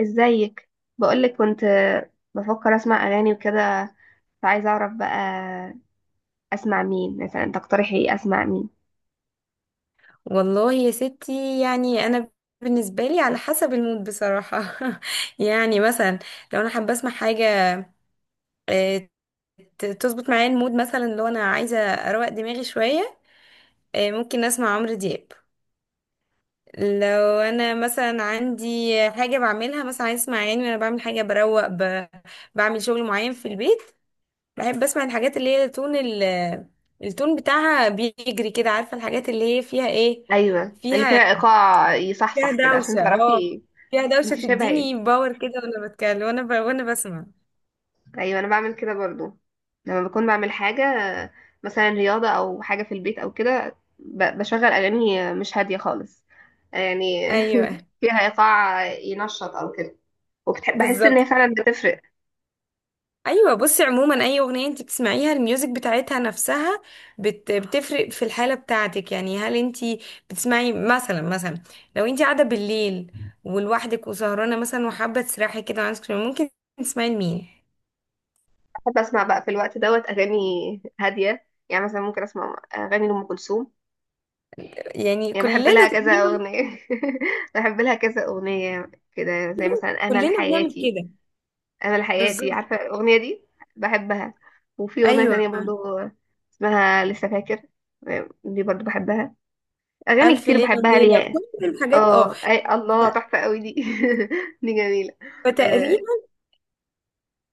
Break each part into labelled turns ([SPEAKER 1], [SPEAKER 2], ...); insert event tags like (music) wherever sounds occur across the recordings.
[SPEAKER 1] ازيك؟ بقولك كنت بفكر اسمع اغاني وكده، فعايزه اعرف بقى اسمع مين مثلا، تقترحي ايه؟ اسمع مين؟
[SPEAKER 2] والله يا ستي، يعني انا بالنسبه لي على حسب المود بصراحه. (laughs) يعني مثلا لو انا حابه اسمع حاجه آه، تظبط معايا المود، مثلا لو انا عايزه اروق دماغي شويه، ممكن اسمع عمرو دياب. لو انا مثلا عندي حاجه بعملها، مثلا عايز اسمع اغاني وانا بعمل حاجه بروق بعمل شغل معين في البيت، بحب اسمع الحاجات اللي هي تون التون بتاعها بيجري كده، عارفه الحاجات اللي هي فيها ايه؟
[SPEAKER 1] ايوه، اللي فيها
[SPEAKER 2] فيها
[SPEAKER 1] ايقاع
[SPEAKER 2] فيها
[SPEAKER 1] يصحصح كده عشان
[SPEAKER 2] دوشة، اه،
[SPEAKER 1] تعرفي.
[SPEAKER 2] فيها
[SPEAKER 1] انت
[SPEAKER 2] دوشة
[SPEAKER 1] شبه ايه.
[SPEAKER 2] تديني باور كده وانا بتكلم وانا بسمع.
[SPEAKER 1] ايوه انا بعمل كده برضو، لما بكون بعمل حاجه مثلا رياضه او حاجه في البيت او كده بشغل اغاني مش هاديه خالص يعني. (laughs)
[SPEAKER 2] ايوه
[SPEAKER 1] فيها ايقاع ينشط او كده، وبحس ان
[SPEAKER 2] بالظبط.
[SPEAKER 1] هي فعلا بتفرق.
[SPEAKER 2] ايوه بصي، عموما اي اغنية انت بتسمعيها، الميوزك بتاعتها نفسها بتفرق في الحالة بتاعتك. يعني هل انت بتسمعي مثلا لو انت قاعدة بالليل ولوحدك وسهرانة مثلا وحابة تسرحي كده وعايزة تسمعي، ممكن تسمعي لمين؟
[SPEAKER 1] بحب اسمع بقى في الوقت دوت اغاني هاديه، يعني مثلا ممكن اسمع اغاني لام كلثوم.
[SPEAKER 2] يعني
[SPEAKER 1] يعني بحب
[SPEAKER 2] كلنا
[SPEAKER 1] لها كذا
[SPEAKER 2] تقريبا،
[SPEAKER 1] اغنيه. (laughs) بحب لها كذا اغنيه كده، زي مثلا امل
[SPEAKER 2] كلنا بنعمل
[SPEAKER 1] حياتي.
[SPEAKER 2] كده.
[SPEAKER 1] امل حياتي،
[SPEAKER 2] بالظبط،
[SPEAKER 1] عارفه الاغنيه دي؟ بحبها. وفي اغنيه
[SPEAKER 2] ايوه،
[SPEAKER 1] تانية برضو اسمها لسه فاكر، دي برضو بحبها. اغاني
[SPEAKER 2] الف
[SPEAKER 1] كتير
[SPEAKER 2] ليله
[SPEAKER 1] بحبها
[SPEAKER 2] وليله،
[SPEAKER 1] ليها.
[SPEAKER 2] كل الحاجات، اه.
[SPEAKER 1] اه، اي الله، تحفه قوي دي. (laughs) دي جميله. آه.
[SPEAKER 2] فتقريبا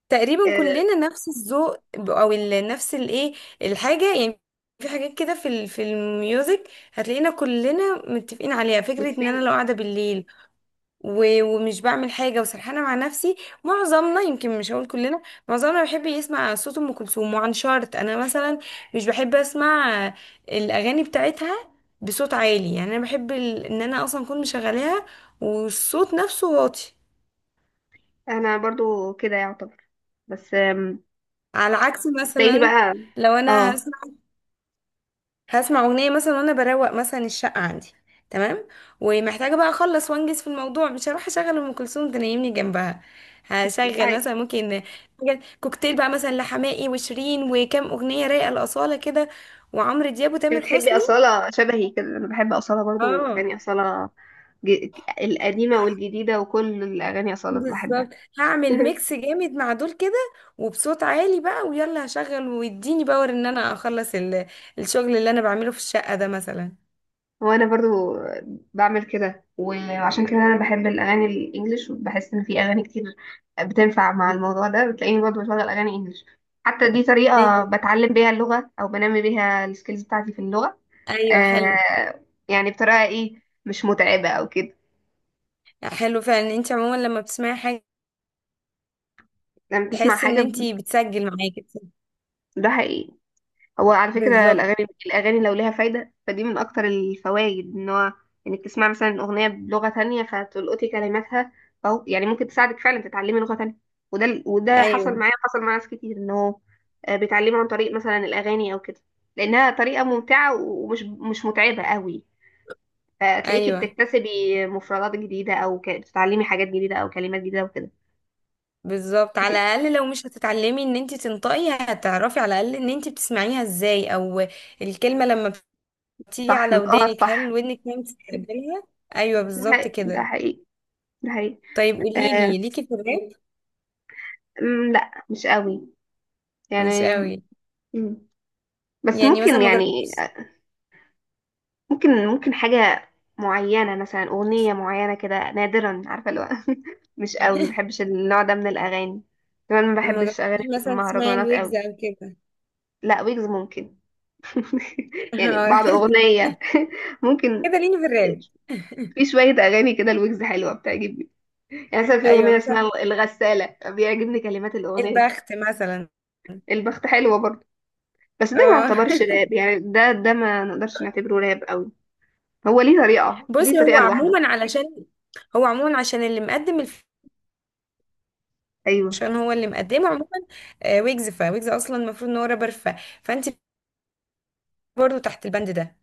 [SPEAKER 2] تقريبا
[SPEAKER 1] آه.
[SPEAKER 2] كلنا نفس الذوق، نفس الايه، الحاجه يعني. في حاجات كده في الميوزك هتلاقينا كلنا متفقين عليها. فكره ان انا
[SPEAKER 1] متفقين.
[SPEAKER 2] لو قاعده بالليل ومش بعمل حاجه وسرحانه مع نفسي، معظمنا، يمكن مش هقول كلنا، معظمنا بيحب يسمع صوت ام كلثوم. وعن شرط انا مثلا مش بحب اسمع الاغاني بتاعتها بصوت عالي، يعني انا بحب ان انا اصلا اكون مشغلاها والصوت نفسه واطي.
[SPEAKER 1] انا برضو كده يعتبر، بس
[SPEAKER 2] على عكس
[SPEAKER 1] تلاقيني بقى.
[SPEAKER 2] مثلا لو انا
[SPEAKER 1] اه.
[SPEAKER 2] هسمع اغنيه مثلا وانا بروق مثلا الشقه عندي، تمام، ومحتاجه بقى اخلص وانجز في الموضوع، مش هروح اشغل ام كلثوم تنيمني جنبها. هشغل
[SPEAKER 1] انت
[SPEAKER 2] مثلا، ممكن كوكتيل بقى مثلا، لحماقي وشيرين وكام اغنيه رايقه لاصاله كده، وعمرو دياب وتامر
[SPEAKER 1] بتحبي
[SPEAKER 2] حسني.
[SPEAKER 1] أصالة؟ شبهي كده، انا بحب أصالة برضو،
[SPEAKER 2] اه
[SPEAKER 1] اغاني أصالة القديمة والجديدة، وكل الأغاني أصالة
[SPEAKER 2] بالظبط،
[SPEAKER 1] بحبها.
[SPEAKER 2] هعمل ميكس
[SPEAKER 1] (laughs)
[SPEAKER 2] جامد مع دول كده، وبصوت عالي بقى، ويلا هشغل ويديني باور ان انا اخلص الشغل اللي انا بعمله في الشقه ده مثلا.
[SPEAKER 1] وأنا برضو بعمل كده، وعشان كده أنا بحب الأغاني الإنجليش، وبحس إن في أغاني كتير بتنفع مع الموضوع ده، بتلاقيني برضو بشغل أغاني إنجليش. حتى دي طريقة
[SPEAKER 2] ايوه،
[SPEAKER 1] بتعلم بيها اللغة، أو بنمي بيها السكيلز بتاعتي في اللغة.
[SPEAKER 2] ايوه،
[SPEAKER 1] آه.
[SPEAKER 2] حلو.
[SPEAKER 1] يعني بطريقة إيه، مش متعبة أو كده.
[SPEAKER 2] حلو فعلا، انت عموما لما بتسمعي حاجه
[SPEAKER 1] لما تسمع
[SPEAKER 2] تحس ان
[SPEAKER 1] حاجة.
[SPEAKER 2] انتي بتسجل معاكي.
[SPEAKER 1] ده حقيقي. هو على فكرة
[SPEAKER 2] بالظبط.
[SPEAKER 1] الأغاني، الأغاني لو ليها فايدة فدي من أكتر الفوائد، إن هو إنك تسمع مثلا أغنية بلغة تانية فتلقطي كلماتها، أو يعني ممكن تساعدك فعلا تتعلمي لغة تانية. وده وده
[SPEAKER 2] ايوه،
[SPEAKER 1] حصل معايا، حصل مع ناس كتير إن هو بيتعلموا عن طريق مثلا الأغاني أو كده، لأنها طريقة ممتعة ومش مش متعبة قوي. فتلاقيكي
[SPEAKER 2] ايوه،
[SPEAKER 1] بتكتسبي مفردات جديدة، أو بتتعلمي حاجات جديدة أو كلمات جديدة وكده.
[SPEAKER 2] بالظبط، على الاقل لو مش هتتعلمي ان انتي تنطقي، هتعرفي على الاقل ان انتي بتسمعيها ازاي، او الكلمه لما بتيجي
[SPEAKER 1] صح،
[SPEAKER 2] على
[SPEAKER 1] نطقها
[SPEAKER 2] ودانك، هل
[SPEAKER 1] صح.
[SPEAKER 2] ودنك ما بتستقبلها. ايوه
[SPEAKER 1] ده
[SPEAKER 2] بالظبط
[SPEAKER 1] حقيقي، ده
[SPEAKER 2] كده.
[SPEAKER 1] حقيقي، ده حقيقي.
[SPEAKER 2] طيب قولي
[SPEAKER 1] آه.
[SPEAKER 2] لي، ليكي في الراب؟
[SPEAKER 1] لا مش قوي
[SPEAKER 2] مش
[SPEAKER 1] يعني.
[SPEAKER 2] قوي؟
[SPEAKER 1] مم. بس
[SPEAKER 2] يعني مثلا
[SPEAKER 1] ممكن
[SPEAKER 2] ما
[SPEAKER 1] يعني.
[SPEAKER 2] جربتيش
[SPEAKER 1] ممكن، حاجة معينة، مثلا أغنية معينة كده نادرا، عارفة اللي هو. (laughs) مش قوي، ما بحبش النوع ده من الأغاني. كمان ما
[SPEAKER 2] ما
[SPEAKER 1] بحبش أغاني
[SPEAKER 2] جربتيش مثلا تسمعي
[SPEAKER 1] المهرجانات
[SPEAKER 2] الويجز
[SPEAKER 1] قوي.
[SPEAKER 2] او كده؟
[SPEAKER 1] لا، ويجز ممكن. (laughs)
[SPEAKER 2] (laughs)
[SPEAKER 1] يعني
[SPEAKER 2] آه،
[SPEAKER 1] بعض أغنية، (laughs) ممكن.
[SPEAKER 2] كده ليني في الراب.
[SPEAKER 1] في شوية أغاني كده الويجز حلوة بتعجبني. يعني مثلا في
[SPEAKER 2] ايوه
[SPEAKER 1] أغنية اسمها
[SPEAKER 2] مثلا
[SPEAKER 1] الغسالة، بيعجبني كلمات الأغنية.
[SPEAKER 2] البخت مثلا،
[SPEAKER 1] البخت حلوة برضه. بس ده ما
[SPEAKER 2] اه.
[SPEAKER 1] يعتبرش
[SPEAKER 2] (laughs)
[SPEAKER 1] راب يعني، ده ما نقدرش نعتبره راب قوي. هو ليه طريقة، ليه
[SPEAKER 2] بصي، هو
[SPEAKER 1] طريقة لوحده.
[SPEAKER 2] عموما علشان هو عموما عشان
[SPEAKER 1] أيوة.
[SPEAKER 2] عشان هو اللي مقدمه عموما. ويجز، فويجز اصلا المفروض ان هو رابر، فانت برضو تحت البند ده.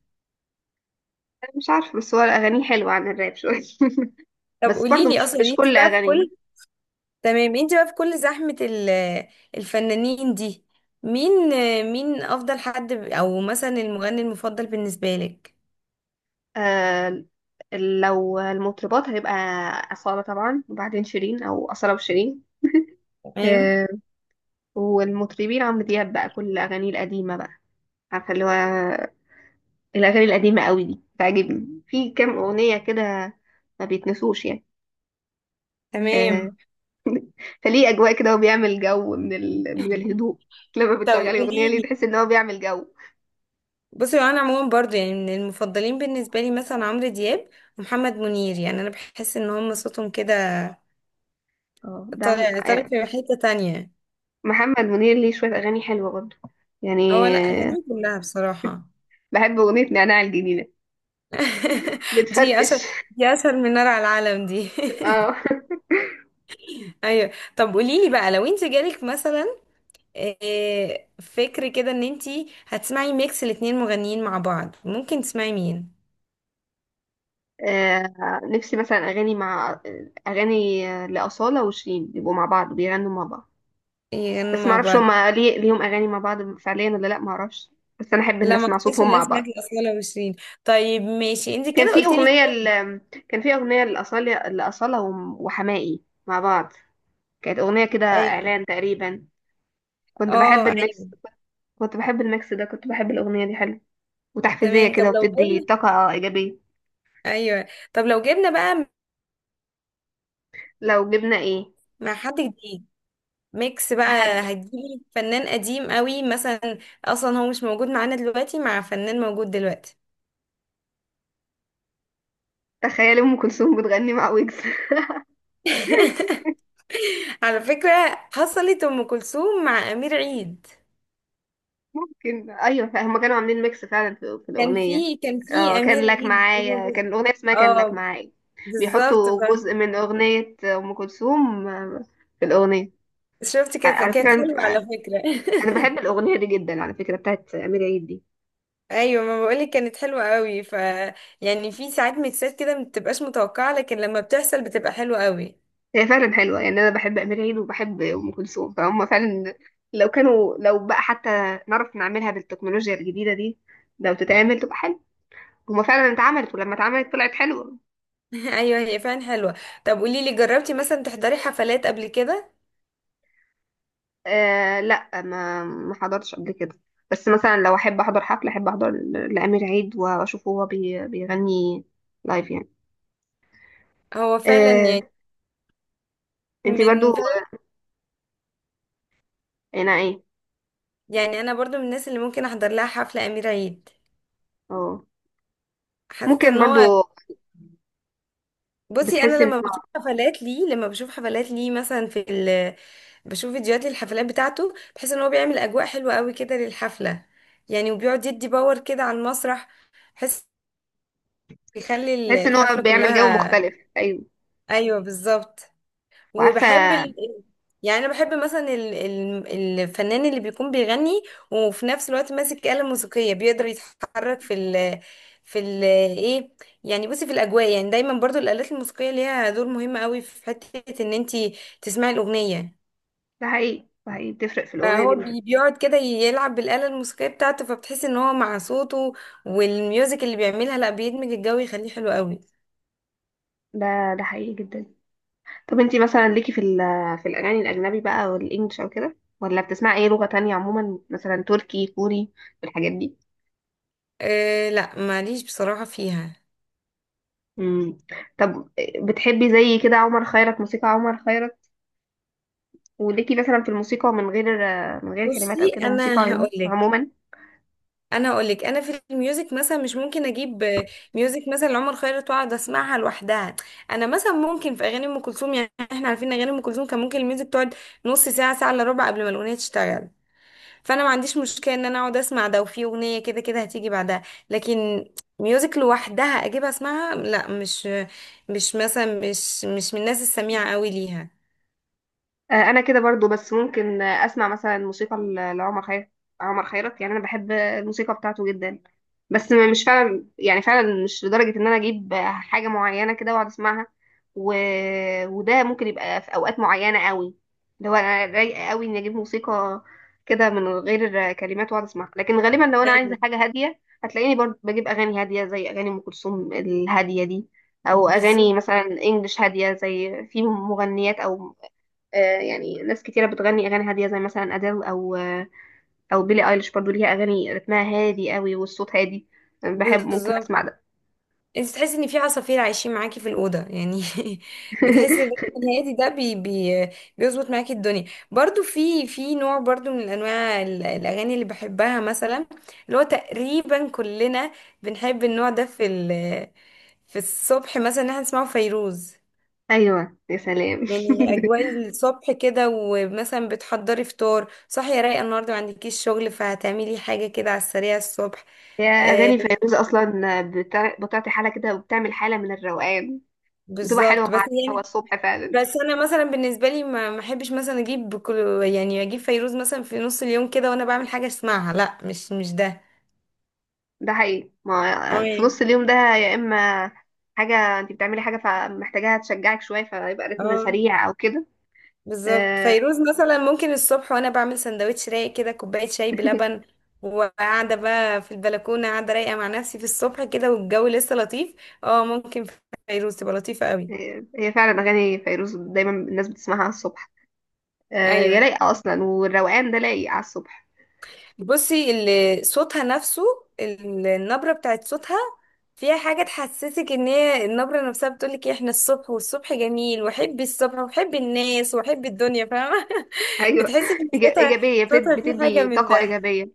[SPEAKER 1] أنا مش عارفة، بس هو أغانيه حلوة عن الراب شوية. (laughs)
[SPEAKER 2] طب
[SPEAKER 1] بس
[SPEAKER 2] قولي
[SPEAKER 1] برضو
[SPEAKER 2] لي
[SPEAKER 1] مش،
[SPEAKER 2] اصلا،
[SPEAKER 1] مش
[SPEAKER 2] انت
[SPEAKER 1] كل
[SPEAKER 2] بقى في
[SPEAKER 1] أغانيه.
[SPEAKER 2] كل تمام، انت بقى في كل زحمه الفنانين دي، مين افضل حد، او مثلا المغني المفضل بالنسبه لك؟
[SPEAKER 1] آه. لو المطربات هيبقى أصالة طبعا، وبعدين شيرين، أو أصالة وشيرين.
[SPEAKER 2] تمام،
[SPEAKER 1] آه. والمطربين عمرو دياب بقى، كل أغانيه القديمة بقى، عارفة اللي هو؟ الأغاني القديمة قوي دي بتعجبني، في كام أغنية كده ما بيتنسوش يعني. آه.
[SPEAKER 2] تمام.
[SPEAKER 1] فليه أجواء كده، وبيعمل جو من من
[SPEAKER 2] (laughs)
[SPEAKER 1] الهدوء. لما
[SPEAKER 2] طب
[SPEAKER 1] بتشغلي أغنية
[SPEAKER 2] قولي
[SPEAKER 1] ليه
[SPEAKER 2] لي،
[SPEAKER 1] تحس إن هو بيعمل جو.
[SPEAKER 2] بصي انا عموما برضو، يعني من المفضلين بالنسبه لي مثلا عمرو دياب ومحمد منير، يعني انا بحس ان هم صوتهم كده
[SPEAKER 1] اه ده عم...
[SPEAKER 2] طلع
[SPEAKER 1] آه،
[SPEAKER 2] في حتة تانية.
[SPEAKER 1] محمد منير ليه شوية أغاني حلوة برضه يعني.
[SPEAKER 2] هو لا،
[SPEAKER 1] آه،
[SPEAKER 2] أغانيه كلها بصراحة.
[SPEAKER 1] بحب أغنية نعناع الجميلة.
[SPEAKER 2] (laughs) دي
[SPEAKER 1] بتفرفش.
[SPEAKER 2] أسهل دي أسهل من نار على العالم دي.
[SPEAKER 1] (laughs) اه.
[SPEAKER 2] (laughs) أيوة، طب قوليلي بقى، لو انت جالك مثلا فكر كده ان انت هتسمعي ميكس الاتنين مغنيين مع بعض، ممكن تسمعي مين؟
[SPEAKER 1] نفسي مثلا أغاني مع أغاني، لأصالة وشيرين يبقوا مع بعض، بيغنوا مع بعض.
[SPEAKER 2] يغنوا
[SPEAKER 1] بس
[SPEAKER 2] مع
[SPEAKER 1] معرفش
[SPEAKER 2] بعض.
[SPEAKER 1] هما ليه ليهم أغاني مع بعض فعليا ولا لأ، معرفش. بس أنا أحب إن
[SPEAKER 2] لا ما
[SPEAKER 1] أسمع
[SPEAKER 2] اعتقدش
[SPEAKER 1] صوتهم مع
[SPEAKER 2] الناس سمعت
[SPEAKER 1] بعض.
[SPEAKER 2] الأصالة وشيرين. طيب ماشي، انت
[SPEAKER 1] كان
[SPEAKER 2] كده
[SPEAKER 1] في
[SPEAKER 2] قلت لي
[SPEAKER 1] أغنية
[SPEAKER 2] اتنين.
[SPEAKER 1] كان في أغنية لأصالة، وحماقي مع بعض. كانت أغنية كده
[SPEAKER 2] ايوه.
[SPEAKER 1] إعلان تقريبا. كنت بحب
[SPEAKER 2] اه ايوه.
[SPEAKER 1] الميكس. كنت بحب الميكس ده كنت بحب الأغنية دي، حلو وتحفيزية
[SPEAKER 2] تمام، طب
[SPEAKER 1] كده،
[SPEAKER 2] لو
[SPEAKER 1] وبتدي
[SPEAKER 2] جبنا
[SPEAKER 1] طاقة إيجابية.
[SPEAKER 2] ايوه، طب لو جبنا بقى،
[SPEAKER 1] لو جبنا إيه؟
[SPEAKER 2] مع حد جديد ميكس بقى،
[SPEAKER 1] أحد.
[SPEAKER 2] هتجيبي فنان قديم قوي مثلا، اصلا هو مش موجود معانا دلوقتي، مع فنان موجود دلوقتي.
[SPEAKER 1] تخيل أم كلثوم بتغني مع ويجز. (laughs)
[SPEAKER 2] (laughs) على فكرة، حصلت ام كلثوم مع امير عيد،
[SPEAKER 1] كان أيوة، فهم كانوا عاملين ميكس فعلا في, في
[SPEAKER 2] كان
[SPEAKER 1] الأغنية.
[SPEAKER 2] في كان
[SPEAKER 1] اه
[SPEAKER 2] في
[SPEAKER 1] كان
[SPEAKER 2] امير
[SPEAKER 1] لك
[SPEAKER 2] عيد
[SPEAKER 1] معايا، كان
[SPEAKER 2] موجود.
[SPEAKER 1] الأغنية اسمها كان لك
[SPEAKER 2] اه
[SPEAKER 1] معايا.
[SPEAKER 2] بالظبط
[SPEAKER 1] بيحطوا
[SPEAKER 2] بقى.
[SPEAKER 1] جزء من أغنية أم كلثوم في الأغنية.
[SPEAKER 2] شفتي، كانت
[SPEAKER 1] على
[SPEAKER 2] كانت
[SPEAKER 1] فكرة،
[SPEAKER 2] حلوه على
[SPEAKER 1] أنا
[SPEAKER 2] فكرة.
[SPEAKER 1] بحب
[SPEAKER 2] (laughs)
[SPEAKER 1] الأغنية دي جدا على فكرة، بتاعت أمير عيد دي.
[SPEAKER 2] ايوه ما بقولك كانت حلوه قوي، يعني في ساعات ميكسات كده ما بتبقاش متوقعه، لكن لما بتحصل بتبقى حلوه قوي.
[SPEAKER 1] هي فعلا حلوة، يعني أنا بحب أمير عيد وبحب أم كلثوم، فهم فعلا لو كانوا، لو بقى حتى نعرف نعملها بالتكنولوجيا الجديدة دي، لو تتعمل تبقى حلوة. هما فعلا اتعملت ولما اتعملت طلعت حلوة.
[SPEAKER 2] (laughs) ايوه هي فعلا حلوه. طب قولي لي، جربتي مثلا تحضري حفلات قبل كده؟
[SPEAKER 1] آه لا، ما حضرتش قبل كده. بس مثلا لو أحب أحضر حفلة، أحب أحضر لأمير عيد، وأشوفه هو بيغني لايف يعني.
[SPEAKER 2] هو فعلا
[SPEAKER 1] آه.
[SPEAKER 2] يعني،
[SPEAKER 1] انتي برضو
[SPEAKER 2] من فعلا،
[SPEAKER 1] هنا ايه.
[SPEAKER 2] يعني انا برضو من الناس اللي ممكن احضر لها حفله امير عيد،
[SPEAKER 1] اه
[SPEAKER 2] حاسه
[SPEAKER 1] ممكن
[SPEAKER 2] ان هو،
[SPEAKER 1] برضو.
[SPEAKER 2] بصي انا
[SPEAKER 1] بتحس ان هو،
[SPEAKER 2] لما بشوف حفلات ليه مثلا، في ال بشوف فيديوهات للحفلات بتاعته، بحس ان هو بيعمل اجواء حلوه قوي كده للحفله، يعني وبيقعد يدي باور كده على المسرح، بحس يخلي
[SPEAKER 1] بتحس ان هو
[SPEAKER 2] الحفله
[SPEAKER 1] بيعمل جو
[SPEAKER 2] كلها.
[SPEAKER 1] مختلف، ايوه.
[SPEAKER 2] ايوه بالظبط.
[SPEAKER 1] وعارفة.
[SPEAKER 2] وبحب يعني انا بحب مثلا الفنان اللي بيكون بيغني وفي نفس الوقت ماسك آلة موسيقية، بيقدر يتحرك في ال... في ال... ايه يعني بصي، في الاجواء يعني، دايما برضو الآلات الموسيقية ليها دور مهم قوي في حتة ان انتي تسمعي الأغنية.
[SPEAKER 1] ده حقيقي، ده حقيقي، بتفرق في الأغنية
[SPEAKER 2] فهو
[SPEAKER 1] جدا.
[SPEAKER 2] بيقعد كده يلعب بالآلة الموسيقية بتاعته، فبتحس ان هو مع صوته والميوزك اللي بيعملها، لا بيدمج الجو، يخليه حلو قوي.
[SPEAKER 1] ده، ده حقيقي جدا. طب انتي مثلا ليكي في ال، في الأغاني الأجنبي بقى والإنجليش أو كده، ولا بتسمعي أي لغة تانية عموما، مثلا تركي كوري الحاجات دي.
[SPEAKER 2] أه لا، ماليش بصراحة فيها.
[SPEAKER 1] مم. طب بتحبي زي كده عمر خيرت، موسيقى عمر خيرت، وليكي مثلا في الموسيقى من غير، من غير كلمات
[SPEAKER 2] بصي
[SPEAKER 1] أو كده، موسيقى عموما عموما.
[SPEAKER 2] انا اقول لك، انا في الميوزك مثلا مش ممكن اجيب ميوزك مثلا لعمر خيرت واقعد اسمعها لوحدها. انا مثلا ممكن في اغاني ام كلثوم، يعني احنا عارفين اغاني ام كلثوم، كان ممكن الميوزك تقعد نص ساعه، ساعه الا ربع، قبل ما الاغنيه تشتغل، فانا ما عنديش مشكله ان انا اقعد اسمع ده، وفي اغنيه كده كده هتيجي بعدها. لكن ميوزك لوحدها اجيب اسمعها، لا، مش مثلا، مش من الناس السميعه قوي ليها.
[SPEAKER 1] انا كده برضو، بس ممكن اسمع مثلا موسيقى لعمر خيرت. عمر خيرت يعني انا بحب الموسيقى بتاعته جدا، بس مش فعلا، يعني فعلا مش لدرجة ان انا اجيب حاجة معينة كده واقعد اسمعها. و... وده ممكن يبقى في اوقات معينة قوي، لو انا رايقة قوي اني اجيب موسيقى كده من غير كلمات واقعد اسمعها. لكن غالبا لو انا عايزة
[SPEAKER 2] ايوه
[SPEAKER 1] حاجة هادية، هتلاقيني برضو بجيب اغاني هادية زي اغاني ام كلثوم الهادية دي، او
[SPEAKER 2] بالظبط،
[SPEAKER 1] اغاني مثلا انجلش هاديه زي في مغنيات او، يعني ناس كتيرة بتغني أغاني هادية زي مثلا أديل أو أو بيلي أيليش، برضو ليها أغاني رتمها هادي قوي والصوت هادي، بحب ممكن
[SPEAKER 2] بالظبط.
[SPEAKER 1] أسمع ده.
[SPEAKER 2] انت تحسي ان في عصافير عايشين معاكي في الاوضه يعني. (laughs) بتحسي ان الجو
[SPEAKER 1] (laughs)
[SPEAKER 2] الهادي ده بي بي بيظبط معاكي الدنيا. برضو في نوع برضو من انواع الاغاني اللي بحبها، مثلا اللي هو تقريبا كلنا بنحب النوع ده في الصبح مثلا، ان احنا نسمعه، فيروز،
[SPEAKER 1] أيوة يا سلام.
[SPEAKER 2] يعني اجواء الصبح كده، ومثلا بتحضري فطار، صاحيه رايقه، النهارده ما عندكيش شغل، فهتعملي حاجه كده على السريع الصبح،
[SPEAKER 1] (laughs) هي
[SPEAKER 2] آه
[SPEAKER 1] أغاني فيروز أصلا بتعطي حالة كده، وبتعمل حالة من الروقان. بتبقى حلوة
[SPEAKER 2] بالظبط. بس
[SPEAKER 1] مع الهوا
[SPEAKER 2] يعني،
[SPEAKER 1] الصبح فعلا.
[SPEAKER 2] بس انا مثلا بالنسبه لي، ما احبش مثلا اجيب كل، يعني اجيب فيروز مثلا في نص اليوم كده وانا بعمل حاجه اسمعها، لا مش ده.
[SPEAKER 1] ده حقيقي،
[SPEAKER 2] اه
[SPEAKER 1] ما في
[SPEAKER 2] يعني.
[SPEAKER 1] نص اليوم ده يا إما حاجة أنت بتعملي حاجة فمحتاجاها تشجعك شوية، فيبقى رتم
[SPEAKER 2] اه
[SPEAKER 1] سريع أو كده.
[SPEAKER 2] بالظبط،
[SPEAKER 1] آه،
[SPEAKER 2] فيروز مثلا ممكن الصبح وانا بعمل سندوتش رايق كده، كوبايه شاي بلبن، وقاعده بقى في البلكونه، قاعده رايقه مع نفسي في الصبح كده والجو لسه لطيف، اه ممكن فيروز تبقى لطيفه قوي.
[SPEAKER 1] هي، هي فعلا أغاني فيروز دايما الناس بتسمعها الصبح، هي
[SPEAKER 2] ايوه،
[SPEAKER 1] لايقة أصلا، والروقان ده لايق على الصبح.
[SPEAKER 2] بصي صوتها نفسه، النبرة بتاعت صوتها فيها حاجة تحسسك ان هي النبرة نفسها بتقولك إيه، احنا الصبح، والصبح جميل، وحبي الصبح، وحبي الناس، وحبي الدنيا، فاهمة. (laughs)
[SPEAKER 1] أيوة. (laughs)
[SPEAKER 2] بتحسي ان صوتها
[SPEAKER 1] إيجابية،
[SPEAKER 2] صوتها فيه حاجة
[SPEAKER 1] بتدي
[SPEAKER 2] من
[SPEAKER 1] طاقة
[SPEAKER 2] ده.
[SPEAKER 1] إيجابية.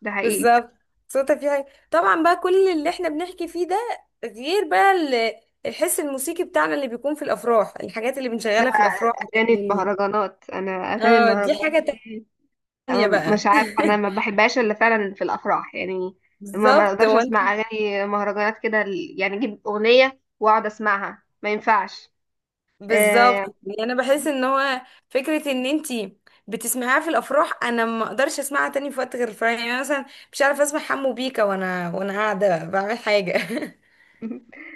[SPEAKER 1] ده حقيقي.
[SPEAKER 2] بالظبط، صوتها فيه حاجة. طبعا بقى كل اللي احنا بنحكي فيه ده غير بقى الحس الموسيقي بتاعنا اللي بيكون في الافراح، الحاجات اللي
[SPEAKER 1] ده
[SPEAKER 2] بنشغلها في الافراح،
[SPEAKER 1] أغاني المهرجانات، أنا أغاني
[SPEAKER 2] اه دي
[SPEAKER 1] المهرجانات
[SPEAKER 2] حاجة
[SPEAKER 1] دي، أنا
[SPEAKER 2] تانية بقى.
[SPEAKER 1] مش عارفة، أنا ما
[SPEAKER 2] (laughs)
[SPEAKER 1] بحبهاش إلا فعلا في الأفراح يعني. ما
[SPEAKER 2] بالظبط،
[SPEAKER 1] أقدرش أسمع أغاني مهرجانات كده يعني أجيب أغنية وأقعد أسمعها، ما ينفعش.
[SPEAKER 2] بالظبط.
[SPEAKER 1] يعني.
[SPEAKER 2] يعني انا بحس ان هو فكره ان انتي بتسمعيها في الافراح، انا ما اقدرش اسمعها تاني في وقت غير الفرح، يعني أنا مثلا مش عارفه اسمع حمو بيكا وانا قاعده بعمل حاجه. (laughs)
[SPEAKER 1] (laughs)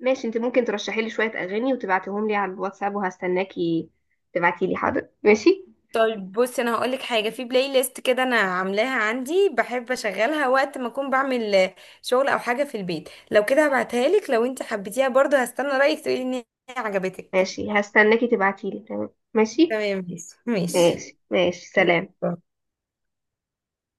[SPEAKER 1] ماشي، أنت ممكن ترشحي لي شوية أغاني وتبعتيهم لي على الواتساب، وهستناكي تبعتي لي. حاضر، ماشي
[SPEAKER 2] طيب بصي، انا هقولك حاجه، في بلاي ليست كده انا عاملاها عندي بحب اشغلها وقت ما اكون بعمل شغل او حاجه في البيت، لو كده هبعتها لك، لو انت حبيتيها برضه هستنى رايك تقولي ان هي عجبتك.
[SPEAKER 1] ماشي. هستناكي تبعتيلي، تمام، ماشي
[SPEAKER 2] تمام ماشي، ماشي،
[SPEAKER 1] ماشي ماشي، سلام.
[SPEAKER 2] يلا.